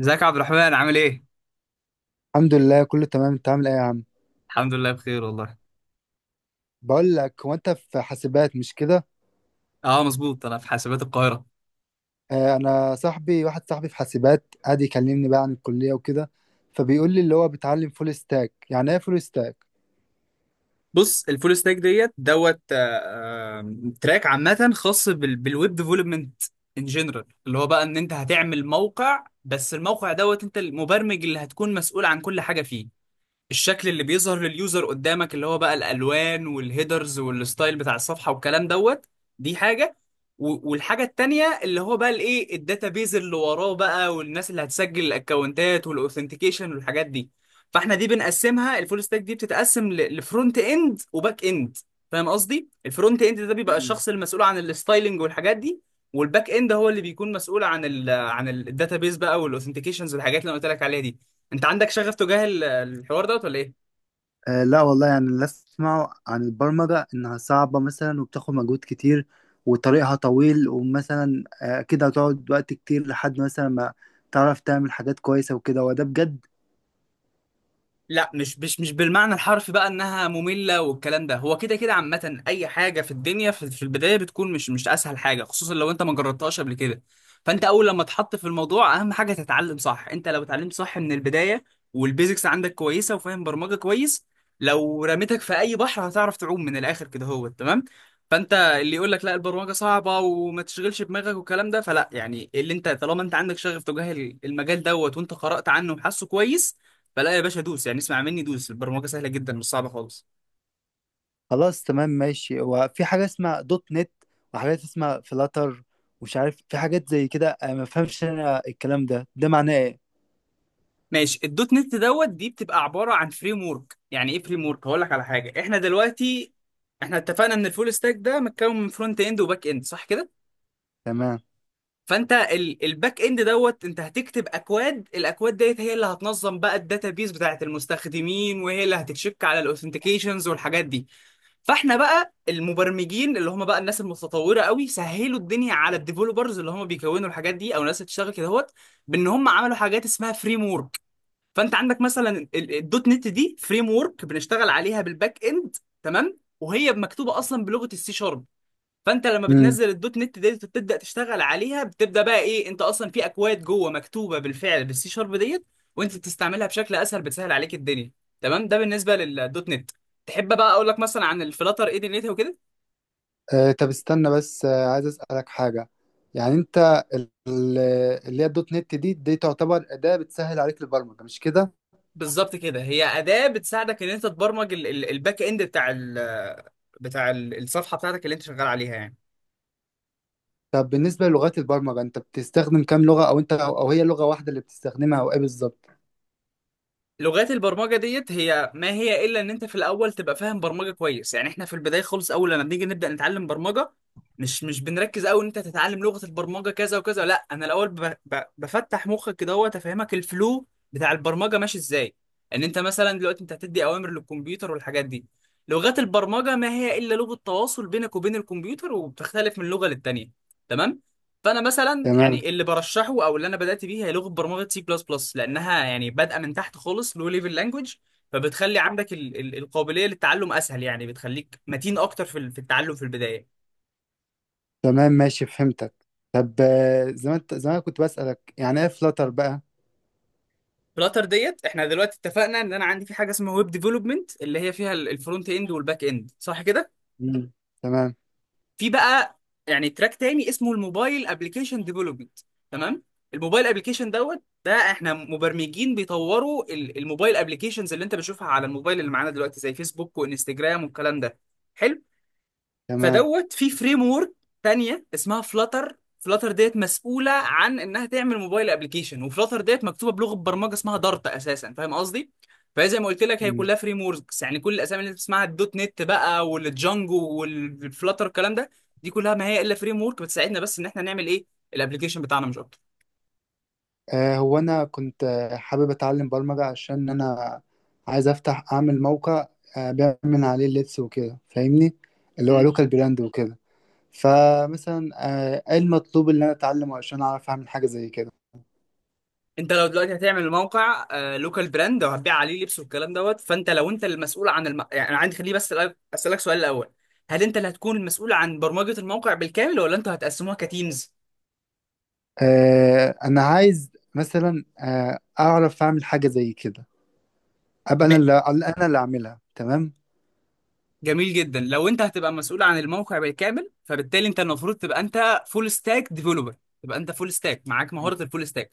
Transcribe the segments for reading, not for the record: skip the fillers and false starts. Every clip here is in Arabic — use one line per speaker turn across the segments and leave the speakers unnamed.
ازيك يا عبد الرحمن عامل ايه؟
الحمد لله كله تمام، انت عامل ايه يا عم؟
الحمد لله بخير والله.
بقول لك، هو انت في حاسبات مش كده؟
اه مظبوط، انا في حاسبات القاهرة.
آه، انا صاحبي واحد صاحبي في حاسبات قاعد يكلمني بقى عن الكلية وكده، فبيقول لي اللي هو بيتعلم فول ستاك. يعني ايه فول ستاك؟
بص، الفول ستاك ديت دوت آه، تراك عامة خاص بالويب ديفلوبمنت ان جنرال، اللي هو بقى ان انت هتعمل موقع، بس الموقع دوت انت المبرمج اللي هتكون مسؤول عن كل حاجة فيه. الشكل اللي بيظهر لليوزر قدامك اللي هو بقى الالوان والهيدرز والستايل بتاع الصفحه والكلام دوت، دي حاجه، والحاجه التانيه اللي هو بقى الايه الداتابيز اللي وراه بقى والناس اللي هتسجل الاكونتات والاوثنتيكيشن والحاجات دي. فاحنا دي بنقسمها، الفول ستاك دي بتتقسم لفرونت اند وباك اند. فاهم قصدي؟ الفرونت اند ده بيبقى
مم.
الشخص المسؤول عن الستايلنج والحاجات دي، والباك اند هو اللي بيكون مسؤول عن الداتابيز بقى والاوثنتيكيشنز والحاجات اللي انا قلت لك عليها دي. انت عندك شغف تجاه الحوار دوت ولا ايه؟
آه، لا والله، يعني اللي اسمعه عن البرمجة انها صعبة مثلا وبتاخد مجهود كتير وطريقها طويل، ومثلا كده هتقعد وقت كتير لحد مثلا ما تعرف تعمل حاجات كويسة وكده، وده بجد.
لا، مش بالمعنى الحرفي بقى انها ممله والكلام ده. هو كده كده عامه اي حاجه في الدنيا في البدايه بتكون مش اسهل حاجه، خصوصا لو انت ما جربتهاش قبل كده. فانت اول لما تحط في الموضوع اهم حاجه تتعلم صح، انت لو اتعلمت صح من البدايه والبيزكس عندك كويسه وفاهم برمجه كويس، لو رميتك في اي بحر هتعرف تعوم من الاخر كده، هو تمام. فانت اللي يقول لك لا البرمجه صعبه وما تشغلش دماغك والكلام ده، فلا يعني، اللي انت طالما انت عندك شغف تجاه المجال دوت وانت قرات عنه وحاسه كويس، فلا يا باشا دوس. يعني اسمع مني، دوس، البرمجه سهله جدا مش صعبه خالص.
خلاص، تمام ماشي. هو في حاجة اسمها دوت نت وحاجات اسمها فلاتر ومش عارف في حاجات زي كده. أنا ما فهمش انا الكلام ده معناه ايه؟
ماشي، الدوت نت دوت دي بتبقى عباره عن فريم ورك. يعني ايه فريم ورك؟ هقول لك على حاجه. احنا دلوقتي احنا اتفقنا ان الفول ستاك ده متكون من فرونت اند وباك اند، صح كده.
تمام.
فانت الباك اند دوت انت هتكتب اكواد، الاكواد ديت هي اللي هتنظم بقى الداتابيز بتاعت المستخدمين، وهي اللي هتتشك على الاوثنتيكيشنز والحاجات دي. فاحنا بقى المبرمجين اللي هم بقى الناس المتطوره قوي سهلوا الدنيا على الديفلوبرز اللي هم بيكونوا الحاجات دي او الناس اللي بتشتغل كده هوت، بان هم عملوا حاجات اسمها فريم ورك. فانت عندك مثلا الدوت نت دي فريم ورك بنشتغل عليها بالباك اند. تمام؟ وهي مكتوبه اصلا بلغه السي شارب. فانت لما
امم.
بتنزل الدوت نت ديت وتبدا تشتغل عليها بتبدا بقى ايه، انت اصلا في اكواد جوه مكتوبه بالفعل بالسي شارب ديت، وانت بتستعملها بشكل اسهل، بتسهل عليك الدنيا. تمام؟ ده بالنسبه للدوت نت. تحب بقى اقول لك مثلا عن الفلاتر ايه دنيتها وكده؟
آه، طب استنى بس، عايز اسألك حاجة. يعني انت، ال- اللي هي الدوت نت دي تعتبر أداة بتسهل عليك البرمجة مش كده؟
بالظبط كده، هي اداه بتساعدك ان انت تبرمج الباك اند بتاع الصفحه بتاعتك اللي انت شغال عليها يعني.
طب، بالنسبة للغات البرمجة، انت بتستخدم كام لغة، او انت، او هي لغة واحدة اللي بتستخدمها، او ايه بالظبط؟
لغات البرمجه ديت هي ما هي الا ان انت في الاول تبقى فاهم برمجه كويس. يعني احنا في البدايه خالص اول لما بنيجي نبدا نتعلم برمجه، مش بنركز قوي ان انت تتعلم لغه البرمجه كذا وكذا، لا، انا الاول بفتح مخك كده، هو تفهمك الفلو بتاع البرمجه ماشي ازاي، ان انت مثلا دلوقتي انت هتدي اوامر للكمبيوتر والحاجات دي. لغات البرمجه ما هي الا لغه تواصل بينك وبين الكمبيوتر، وبتختلف من لغه للتانيه. تمام؟ فانا مثلا
تمام.
يعني اللي برشحه او اللي انا بدات بيه هي لغه برمجه سي بلس بلس، لانها يعني بادئه من تحت خالص لو ليفل لانجوج. فبتخلي عندك ال القابليه للتعلم اسهل، يعني بتخليك متين اكتر في في التعلم في البدايه.
تمام ماشي، فهمتك. طب زي ما أنا كنت بسألك، يعني ايه فلاتر بقى؟
فلاتر ديت، احنا دلوقتي اتفقنا ان انا عندي في حاجه اسمها ويب ديفلوبمنت اللي هي فيها الفرونت اند والباك اند، صح كده.
مم. تمام.
في بقى يعني تراك تاني اسمه الموبايل ابلكيشن ديفلوبمنت. تمام؟ الموبايل ابلكيشن دوت ده، احنا مبرمجين بيطوروا الموبايل ابلكيشنز اللي انت بتشوفها على الموبايل اللي معانا دلوقتي زي فيسبوك وانستجرام والكلام ده. حلو.
تمام.
فدوت في فريم ورك تانية اسمها فلاتر. فلاتر ديت مسؤولة عن انها تعمل موبايل ابلكيشن، وفلاتر ديت مكتوبة بلغة برمجة اسمها دارت اساسا. فاهم قصدي؟ فهي زي ما قلت لك هي
مم.
كلها فريم وركس، يعني كل الاسامي اللي انت بتسمعها الدوت نت بقى والجانجو والفلاتر الكلام ده، دي كلها ما هي الا فريم ورك بتساعدنا بس ان احنا نعمل ايه الابلكيشن بتاعنا مش اكتر.
آه، هو انا كنت حابب اتعلم برمجة عشان انا عايز اعمل موقع. بيعمل من عليه اللبس وكده، فاهمني؟ اللي هو لوكال براند وكده. فمثلا، ايه المطلوب اللي انا اتعلمه عشان اعرف اعمل حاجة زي كده؟
انت لو دلوقتي هتعمل موقع لوكال براند او هتبيع عليه لبس والكلام دوت، فانت لو انت المسؤول عن يعني انا عندي خليه بس اسالك سؤال الاول، هل انت اللي هتكون المسؤول عن برمجه الموقع بالكامل ولا انتوا هتقسموها كتيمز؟
انا عايز مثلا اعرف اعمل حاجة زي كده، ابقى
م...
انا اللي اعملها، تمام؟
جميل جدا، لو انت هتبقى مسؤول عن الموقع بالكامل فبالتالي انت المفروض تبقى انت فول ستاك ديفلوبر، تبقى انت فول ستاك معاك مهاره الفول ستاك.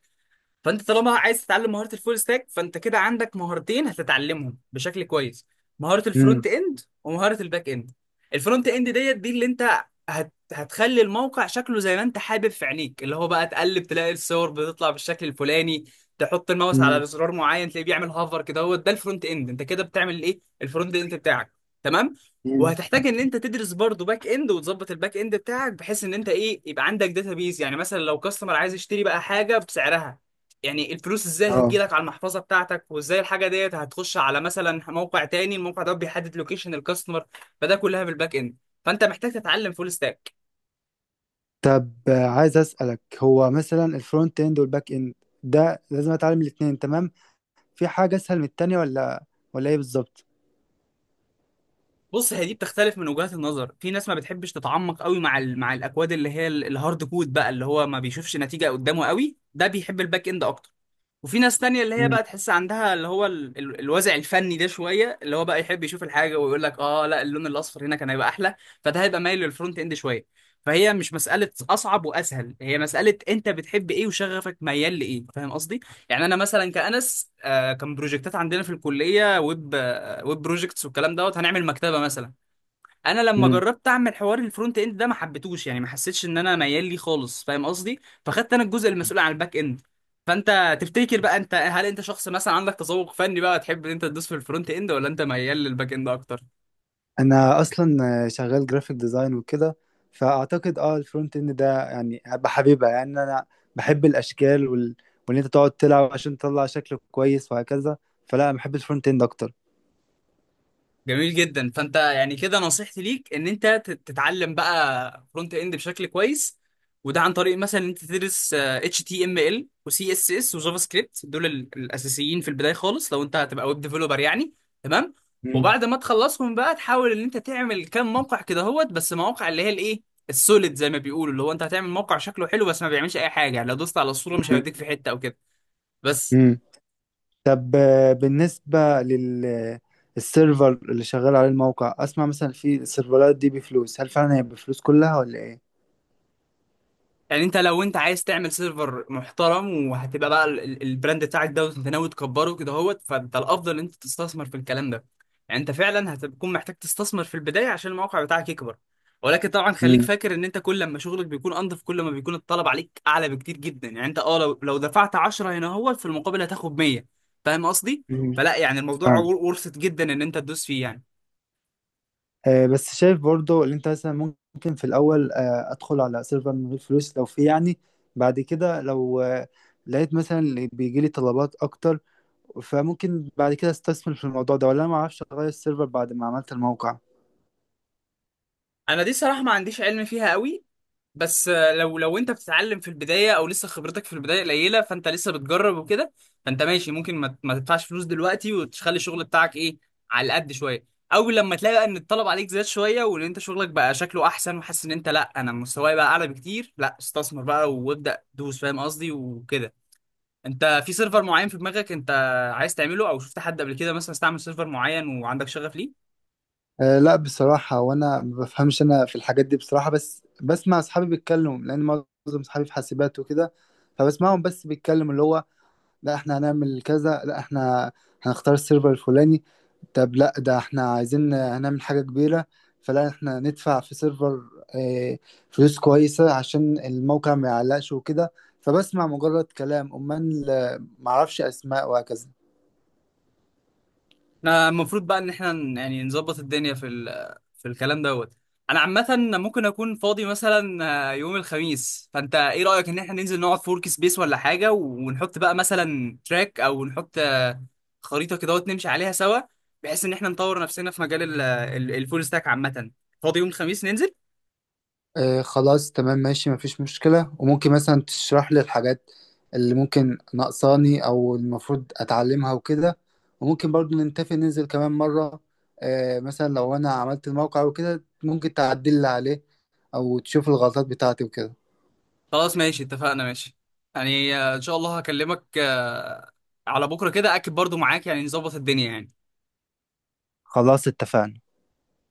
فانت طالما عايز تتعلم مهاره الفول ستاك فانت كده عندك مهارتين هتتعلمهم بشكل كويس، مهاره
مم.
الفرونت اند ومهاره الباك اند. الفرونت اند ديت دي اللي انت هتخلي الموقع شكله زي ما انت حابب في عينيك، اللي هو بقى تقلب تلاقي الصور بتطلع بالشكل الفلاني، تحط الماوس
مم.
على زرار معين تلاقيه بيعمل هافر كده، هو ده الفرونت اند، انت كده بتعمل ايه الفرونت اند بتاعك. تمام؟
مم.
وهتحتاج ان انت تدرس برضه باك اند وتظبط الباك اند بتاعك، بحيث ان انت ايه يبقى عندك داتا بيز. يعني مثلا لو كاستمر عايز يشتري بقى حاجه بسعرها، يعني الفلوس ازاي
اه.
هتجيلك على المحفظه بتاعتك، وازاي الحاجه ديت هتخش على مثلا موقع تاني، الموقع ده بيحدد لوكيشن الكاستمر. فده كلها بالباك اند. فانت محتاج تتعلم فول ستاك.
طب، عايز اسالك، هو مثلا الفرونت اند والباك اند ده لازم اتعلم الاثنين؟ تمام. في حاجه اسهل من التانية، ولا ايه بالظبط؟
بص هي دي بتختلف من وجهات النظر، في ناس ما بتحبش تتعمق قوي مع مع الاكواد اللي هي الهارد كود بقى اللي هو ما بيشوفش نتيجه قدامه قوي، ده بيحب الباك اند اكتر. وفي ناس تانية اللي هي
مم.
بقى تحس عندها اللي هو الوازع الفني ده شوية، اللي هو بقى يحب يشوف الحاجة ويقول لك اه لا اللون الأصفر هنا كان هيبقى أحلى، فده هيبقى مايل للفرونت إند شوية. فهي مش مسألة أصعب وأسهل، هي مسألة أنت بتحب إيه وشغفك ميال لإيه. فاهم قصدي؟ يعني أنا مثلا كأنس، كان بروجكتات عندنا في الكلية ويب ويب بروجكتس والكلام دوت، هنعمل مكتبة مثلا. انا لما
مم.
جربت اعمل حوار الفرونت اند ده ما حبيتهوش، يعني ما حسيتش ان انا ميال ليه خالص، فاهم قصدي؟ فخدت انا الجزء المسؤول عن الباك اند. فانت تفتكر بقى انت، هل انت شخص مثلا عندك تذوق فني بقى تحب ان انت تدوس في الفرونت اند، ولا انت ميال للباك اند اكتر؟
انا اصلا شغال جرافيك ديزاين وكده، فاعتقد الفرونت اند ده يعني بحبيبها. يعني انا بحب الاشكال وان انت تقعد تلعب عشان تطلع شكل كويس وهكذا، فلا انا بحب الفرونت اند اكتر.
جميل جدا. فانت يعني كده نصيحتي ليك ان انت تتعلم بقى فرونت اند بشكل كويس. وده عن طريق مثلا ان انت تدرس اتش تي ام ال وسي اس اس وجافا سكريبت، دول الاساسيين في البدايه خالص لو انت هتبقى ويب ديفلوبر يعني. تمام؟
مم.
وبعد ما تخلصهم بقى تحاول ان انت تعمل كام موقع كده هوت، بس مواقع اللي هي الايه السوليد زي ما بيقولوا، اللي هو انت هتعمل موقع شكله حلو بس ما بيعملش اي حاجه، يعني لو دوست على الصوره مش هيوديك في حته او كده. بس
مم. طب، بالنسبة للسيرفر اللي شغال عليه الموقع، أسمع مثلا في السيرفرات دي بفلوس. هل فعلا هي بفلوس كلها ولا إيه؟
يعني، انت لو انت عايز تعمل سيرفر محترم وهتبقى بقى البراند بتاعك ده وانت ناوي تكبره كده اهوت، فانت الافضل ان انت تستثمر في الكلام ده. يعني انت فعلا هتكون محتاج تستثمر في البدايه عشان الموقع بتاعك يكبر. ولكن طبعا خليك
مم.
فاكر ان انت كل لما شغلك بيكون انضف كل ما بيكون الطلب عليك اعلى بكتير جدا. يعني انت لو دفعت 10 هنا اهوت، في المقابل هتاخد 100. فاهم قصدي؟
مم.
فلا يعني الموضوع
فاهم.
ورثت جدا ان انت تدوس فيه يعني.
بس شايف برضو اللي أنت مثلا ممكن في الأول أدخل على سيرفر من غير فلوس لو في، يعني بعد كده لو لقيت مثلا اللي بيجي لي طلبات أكتر، فممكن بعد كده استثمر في الموضوع ده، ولا أنا معرفش أغير السيرفر بعد ما عملت الموقع؟
انا دي صراحه ما عنديش علم فيها قوي. بس لو انت بتتعلم في البدايه او لسه خبرتك في البدايه قليله فانت لسه بتجرب وكده، فانت ماشي ممكن ما تدفعش فلوس دلوقتي وتخلي الشغل بتاعك ايه على قد شويه. اول لما تلاقي بقى ان الطلب عليك زاد شويه وان انت شغلك بقى شكله احسن وحاسس ان انت لا انا مستواي بقى اعلى بكتير، لا استثمر بقى وابدا دوس، فاهم قصدي وكده. انت في سيرفر معين في دماغك انت عايز تعمله، او شفت حد قبل كده مثلا استعمل سيرفر معين وعندك شغف ليه؟
أه، لا بصراحة، وأنا ما بفهمش أنا في الحاجات دي بصراحة، بس بسمع أصحابي بيتكلموا لأن معظم أصحابي في حاسبات وكده، فبسمعهم بس بيتكلموا اللي هو: لا إحنا هنعمل كذا، لا إحنا هنختار السيرفر الفلاني، طب لا ده إحنا عايزين هنعمل حاجة كبيرة، فلا إحنا ندفع في سيرفر آه، فلوس كويسة عشان الموقع ما يعلقش وكده. فبسمع مجرد كلام أمال، معرفش أسماء وهكذا.
احنا المفروض بقى ان احنا يعني نظبط الدنيا في في الكلام دوت. انا عامه ممكن اكون فاضي مثلا يوم الخميس، فانت ايه رايك ان احنا ننزل نقعد في ورك سبيس ولا حاجه، ونحط بقى مثلا تراك، او نحط خريطه كده نمشي عليها سوا، بحيث ان احنا نطور نفسنا في مجال الفول ستاك عامه. فاضي يوم الخميس ننزل؟
آه، خلاص تمام ماشي، مفيش مشكلة. وممكن مثلا تشرح لي الحاجات اللي ممكن ناقصاني أو المفروض أتعلمها وكده، وممكن برضو نتفق ننزل كمان مرة. مثلا لو أنا عملت الموقع وكده ممكن تعدل لي عليه أو تشوف الغلطات بتاعتي وكده.
خلاص ماشي اتفقنا ماشي. يعني ان شاء الله هكلمك على بكره كده اكد برضو معاك، يعني نظبط الدنيا يعني.
خلاص اتفقنا.